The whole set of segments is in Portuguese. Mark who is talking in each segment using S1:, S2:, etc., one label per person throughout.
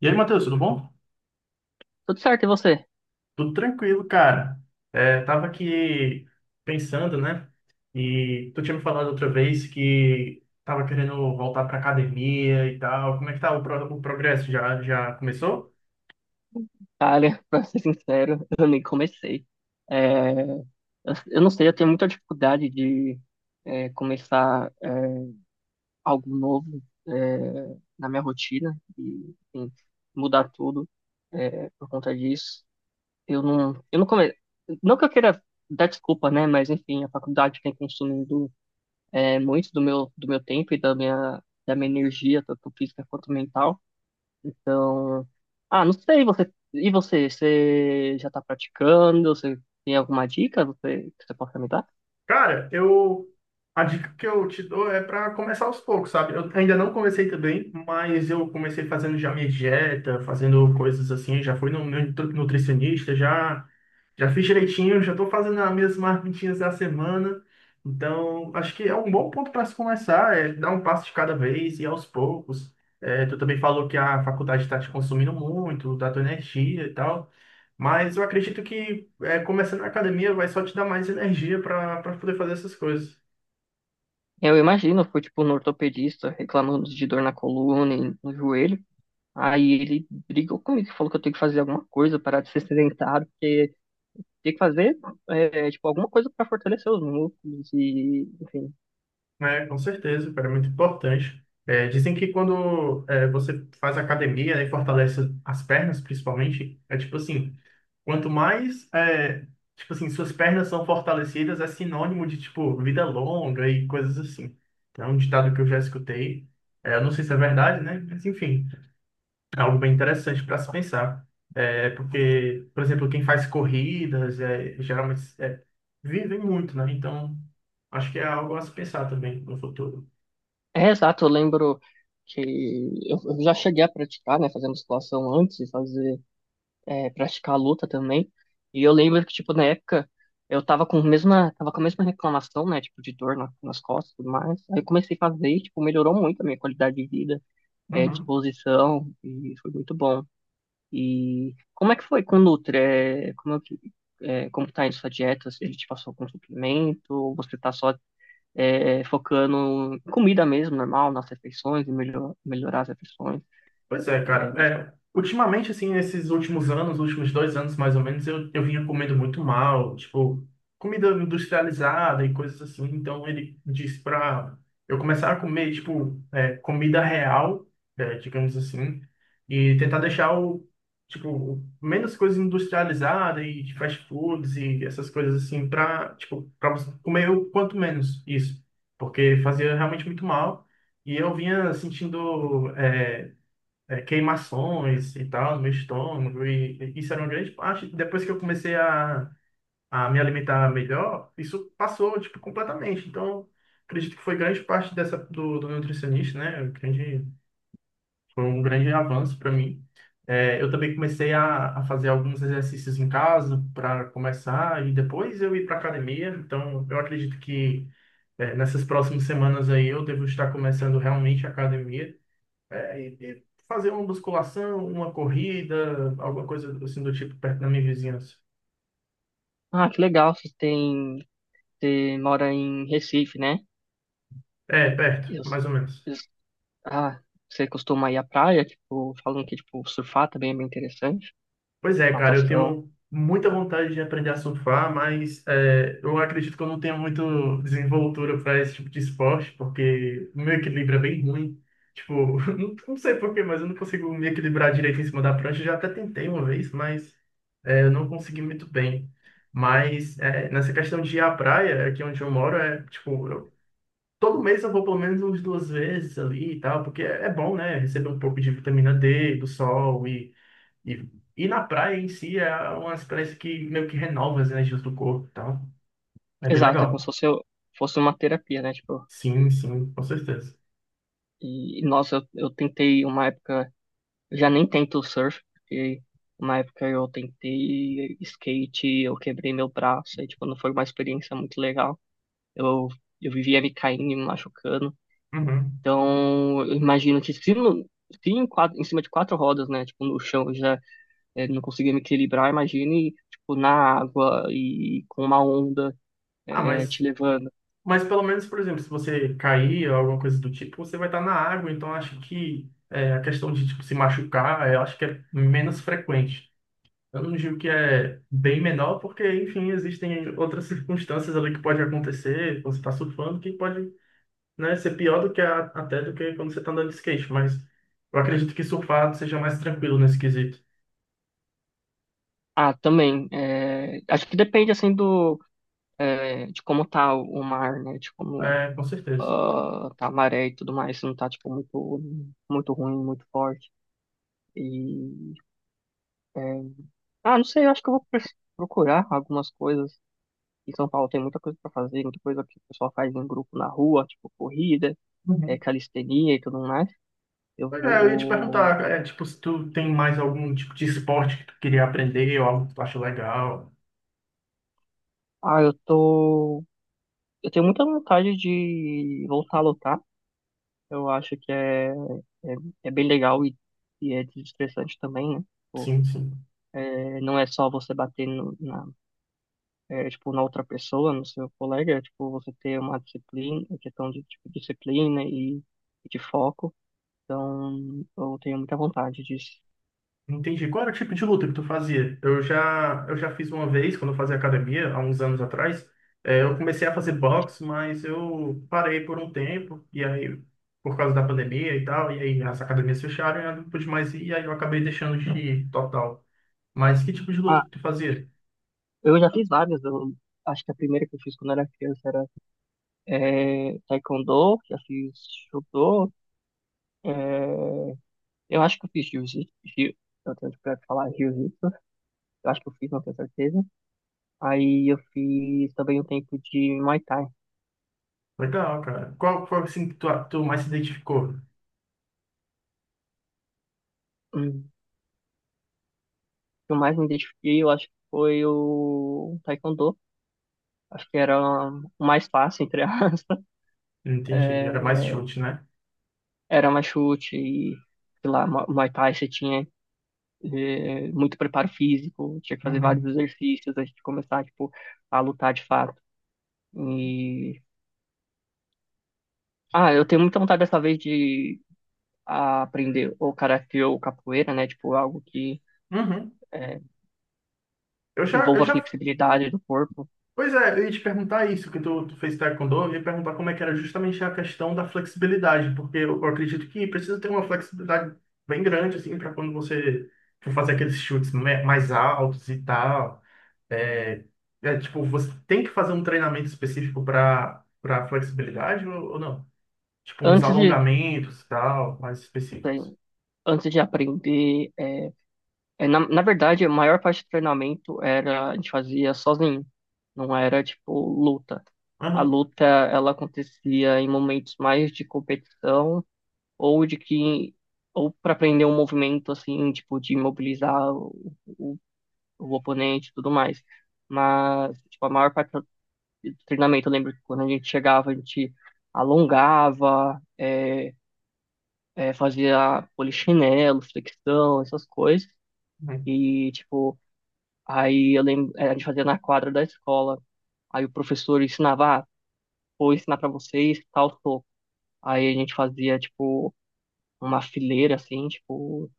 S1: E aí, Matheus, tudo bom?
S2: Tudo certo, e você?
S1: Tudo tranquilo, cara. Tava aqui pensando, né? E tu tinha me falado outra vez que tava querendo voltar pra academia e tal. Como é que tá o, o progresso? Já começou?
S2: Olha, pra ser sincero, eu nem comecei. Eu não sei, eu tenho muita dificuldade de começar algo novo é, na minha rotina e enfim, mudar tudo por conta disso. Eu não come... Não que eu queira dar desculpa, né? Mas enfim, a faculdade tem consumido muito do meu tempo e da minha energia, tanto física quanto mental. Ah, não sei, você. E você? Você já tá praticando? Você tem alguma dica que você possa me dar?
S1: Cara, eu a dica que eu te dou é para começar aos poucos, sabe? Eu ainda não comecei também, mas eu comecei fazendo já minha dieta, fazendo coisas assim, já fui no meu nutricionista, já fiz direitinho, já estou fazendo as minhas marmitinhas da semana. Então, acho que é um bom ponto para se começar, é dar um passo de cada vez e aos poucos. É, tu também falou que a faculdade está te consumindo muito, da tua energia e tal. Mas eu acredito que começando na academia vai só te dar mais energia para poder fazer essas coisas,
S2: Eu imagino, eu fui tipo no ortopedista reclamando de dor na coluna e no joelho. Aí ele brigou comigo, falou que eu tenho que fazer alguma coisa, parar de ser sedentário, porque tem que fazer tipo alguma coisa para fortalecer os músculos e, enfim.
S1: né? Com certeza, cara, é muito importante. É, dizem que você faz academia né, e fortalece as pernas, principalmente, é tipo assim, quanto mais é, suas pernas são fortalecidas, é sinônimo de tipo vida longa e coisas assim. É um ditado que eu já escutei. É, eu não sei se é verdade, né? Mas enfim. É algo bem interessante para se pensar. É, porque, por exemplo, quem faz corridas geralmente vive muito, né? Então, acho que é algo a se pensar também no futuro.
S2: É exato, eu lembro que eu já cheguei a praticar, né, fazer musculação antes de fazer praticar a luta também. E eu lembro que, tipo, na época, eu tava com a mesma, tava com a mesma reclamação, né, tipo, de dor nas costas e tudo mais. Aí eu comecei a fazer e, tipo, melhorou muito a minha qualidade de vida,
S1: Uhum.
S2: disposição, e foi muito bom. E como é que foi com o Nutri? É, como, é, como tá indo sua dieta? Se ele te passou com suplemento, ou você tá só focando em comida mesmo, normal, nas refeições, e melhorar as refeições?
S1: Pois é,
S2: É,
S1: cara.
S2: me-
S1: É, ultimamente, assim, nesses últimos anos, últimos dois anos mais ou menos, eu vinha comendo muito mal, tipo, comida industrializada e coisas assim. Então ele disse pra eu começar a comer, tipo, é, comida real, é, digamos assim, e tentar deixar o, tipo, menos coisa industrializada e de fast foods e essas coisas assim, pra, tipo, pra você comer o quanto menos isso, porque fazia realmente muito mal. E eu vinha sentindo. Queimações e tal, no meu estômago, e isso era uma grande parte. Depois que eu comecei a me alimentar melhor, isso passou, tipo, completamente. Então, acredito que foi grande parte dessa do, do nutricionista, né? Foi um grande avanço para mim. É, eu também comecei a fazer alguns exercícios em casa para começar, e depois eu ir para academia. Então, eu acredito que é, nessas próximas semanas aí eu devo estar começando realmente a academia. É, e fazer uma musculação, uma corrida, alguma coisa assim do tipo perto da minha vizinhança.
S2: Ah, que legal, vocês têm. Você mora em Recife, né?
S1: É, perto,
S2: Eu,
S1: mais ou menos.
S2: eu- ah, Você costuma ir à praia, tipo, falando que tipo, surfar também é bem interessante,
S1: Pois é, cara, eu
S2: natação.
S1: tenho muita vontade de aprender a surfar, mas é, eu acredito que eu não tenho muito desenvoltura para esse tipo de esporte, porque o meu equilíbrio é bem ruim. Tipo, não, não sei por quê, mas eu não consigo me equilibrar direito em cima da prancha. Eu já até tentei uma vez, mas é, eu não consegui muito bem. Mas é, nessa questão de ir à praia, aqui onde eu moro, é tipo, todo mês eu vou pelo menos umas duas vezes ali e tal, porque é bom, né? Receber um pouco de vitamina D, do sol e, e na praia em si é uma experiência que meio que renova as energias do corpo e tal. É bem
S2: Exato, é como se
S1: legal.
S2: fosse, fosse uma terapia, né? Tipo,
S1: Sim, sim, com certeza.
S2: e nossa, eu tentei uma época, eu já nem tento surf, porque uma época eu tentei skate, eu quebrei meu braço, e tipo, não foi uma experiência muito legal. Eu, eu vivia me caindo e me machucando.
S1: Uhum.
S2: Então, eu imagino que se em cima de quatro rodas, né? Tipo, no chão já não conseguia me equilibrar, imagine, tipo, na água e com uma onda
S1: Ah,
S2: te levando.
S1: mas pelo menos, por exemplo, se você cair ou alguma coisa do tipo, você vai estar na água, então acho que é, a questão de tipo, se machucar, eu acho que é menos frequente. Eu não digo que é bem menor, porque, enfim, existem outras circunstâncias ali que pode acontecer quando você está surfando, que pode, né, ser pior do que até do que quando você está andando de skate, mas eu acredito que surfar seja mais tranquilo nesse quesito.
S2: Ah, também, é, acho que depende, assim, de como tá o mar, né, de como
S1: É, com certeza.
S2: ah, tá a maré e tudo mais, se não tá, tipo, muito ruim, muito forte. E, é, não sei, eu acho que eu vou procurar algumas coisas. Em São Paulo tem muita coisa para fazer, muita coisa que o pessoal faz em grupo na rua, tipo corrida,
S1: Uhum.
S2: calistenia e tudo mais. Eu
S1: Pois é, eu ia te perguntar,
S2: vou.
S1: é, tipo, se tu tem mais algum tipo de esporte que tu queria aprender ou algo que tu acha legal.
S2: Ah, eu tô. Eu tenho muita vontade de voltar a lutar. Eu acho que é, é bem legal e é desestressante também, né? Tipo,
S1: Sim, sim.
S2: não é só você bater na tipo, na outra pessoa, no seu colega, é, tipo, você ter uma disciplina, é questão de tipo, disciplina e de foco. Então, eu tenho muita vontade disso.
S1: Entendi. Qual era o tipo de luta que tu fazia? Eu já fiz uma vez, quando eu fazia academia, há uns anos atrás. É, eu comecei a fazer boxe, mas eu parei por um tempo, e aí, por causa da pandemia e tal, e aí as academias fecharam, eu não pude mais ir, e aí eu acabei deixando de ir total. Mas que tipo de luta
S2: Ah,
S1: que tu fazia?
S2: eu já fiz várias. Eu acho que a primeira que eu fiz quando era criança era taekwondo, já fiz judô. É, eu acho que eu fiz jiu-jitsu. Eu tenho dificuldade de falar jiu-jitsu. Eu acho que eu fiz, não tenho certeza. Aí eu fiz também um tempo de Muay Thai.
S1: Legal, cara. Qual foi assim que tu mais se identificou?
S2: Hum. O que eu mais me identifiquei, eu acho que foi o Taekwondo. Acho que era o mais fácil, entre aspas.
S1: Entendi. Era mais
S2: É,
S1: chute, né?
S2: era mais chute e, sei lá, Muay Thai você tinha muito preparo físico, tinha que fazer vários
S1: Uhum.
S2: exercícios antes de começar, tipo, a lutar de fato. E... Ah, eu tenho muita vontade dessa vez de a aprender ou karatê ou capoeira, né? Tipo, algo que
S1: Uhum.
S2: é,
S1: Eu
S2: envolva a
S1: já
S2: flexibilidade do corpo.
S1: Pois é, eu ia te perguntar isso, que tu fez taekwondo, eu ia perguntar como é que era justamente a questão da flexibilidade, porque eu acredito que precisa ter uma flexibilidade bem grande, assim, para quando você for fazer aqueles chutes mais altos e tal. É, tipo, você tem que fazer um treinamento específico para flexibilidade ou não? Tipo, uns
S2: Antes de,
S1: alongamentos e tal, mais específicos.
S2: assim, antes de aprender, na verdade, a maior parte do treinamento era a gente fazia sozinho, não era tipo luta. A
S1: Aham.
S2: luta, ela acontecia em momentos mais de competição ou de que ou para aprender um movimento assim, tipo de imobilizar o oponente e tudo mais. Mas tipo, a maior parte do treinamento. Eu lembro que quando a gente chegava, a gente alongava, fazia polichinelo, flexão, essas coisas.
S1: Uhum.
S2: E, tipo, aí eu lembro, a gente fazia na quadra da escola. Aí o professor ensinava, ah, vou ensinar pra vocês tal soco. Aí a gente fazia, tipo, uma fileira, assim, tipo,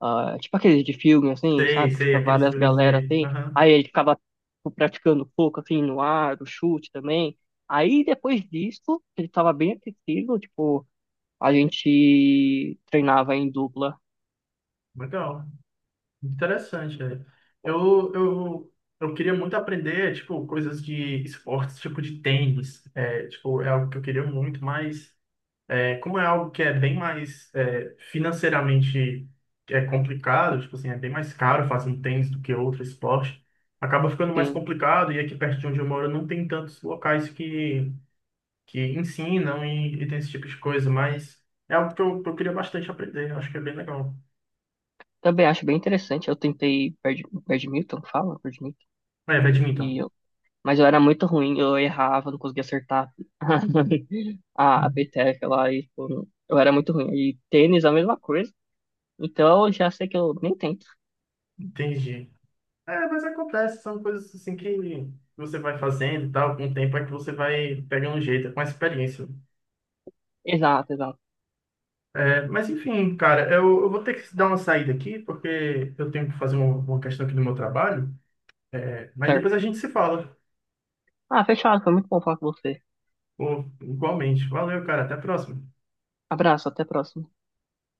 S2: ah, tipo aqueles de filme, assim,
S1: Sei,
S2: sabe? Que
S1: sei,
S2: fica
S1: aqueles
S2: várias
S1: filmes
S2: galera
S1: de...
S2: assim.
S1: Aham.
S2: Aí ele ficava tipo, praticando pouco, assim, no ar, o chute também. Aí depois disso, ele estava bem aquecido, tipo, a gente treinava em dupla.
S1: Legal. Interessante, cara. Eu, eu, eu queria muito aprender, tipo, coisas de esportes, tipo de tênis. É, tipo, é algo que eu queria muito, mas é, como é algo que é bem mais é, financeiramente é complicado, tipo assim, é bem mais caro fazer um tênis do que outro esporte, acaba ficando mais
S2: Assim.
S1: complicado e aqui perto de onde eu moro não tem tantos locais que ensinam e tem esse tipo de coisa, mas é algo que que eu queria bastante aprender, eu acho que é bem legal.
S2: Também acho bem interessante. Eu tentei badminton, fala, badminton.
S1: É,
S2: E
S1: badminton.
S2: eu, mas eu era muito ruim, eu errava, não conseguia acertar a peteca lá. E, tipo, eu era muito ruim. E tênis, a mesma coisa. Então, já sei que eu nem tento.
S1: Entendi. É, mas acontece, são coisas assim que você vai fazendo e tal, com o tempo é que você vai pegando um jeito, é com a experiência.
S2: Exato, exato.
S1: É, mas enfim, cara, eu vou ter que dar uma saída aqui, porque eu tenho que fazer uma questão aqui do meu trabalho, é, mas
S2: Certo.
S1: depois a gente se fala.
S2: Ah, fechado. Foi muito bom falar com você.
S1: Pô, igualmente. Valeu, cara, até a próxima.
S2: Abraço, até a próxima.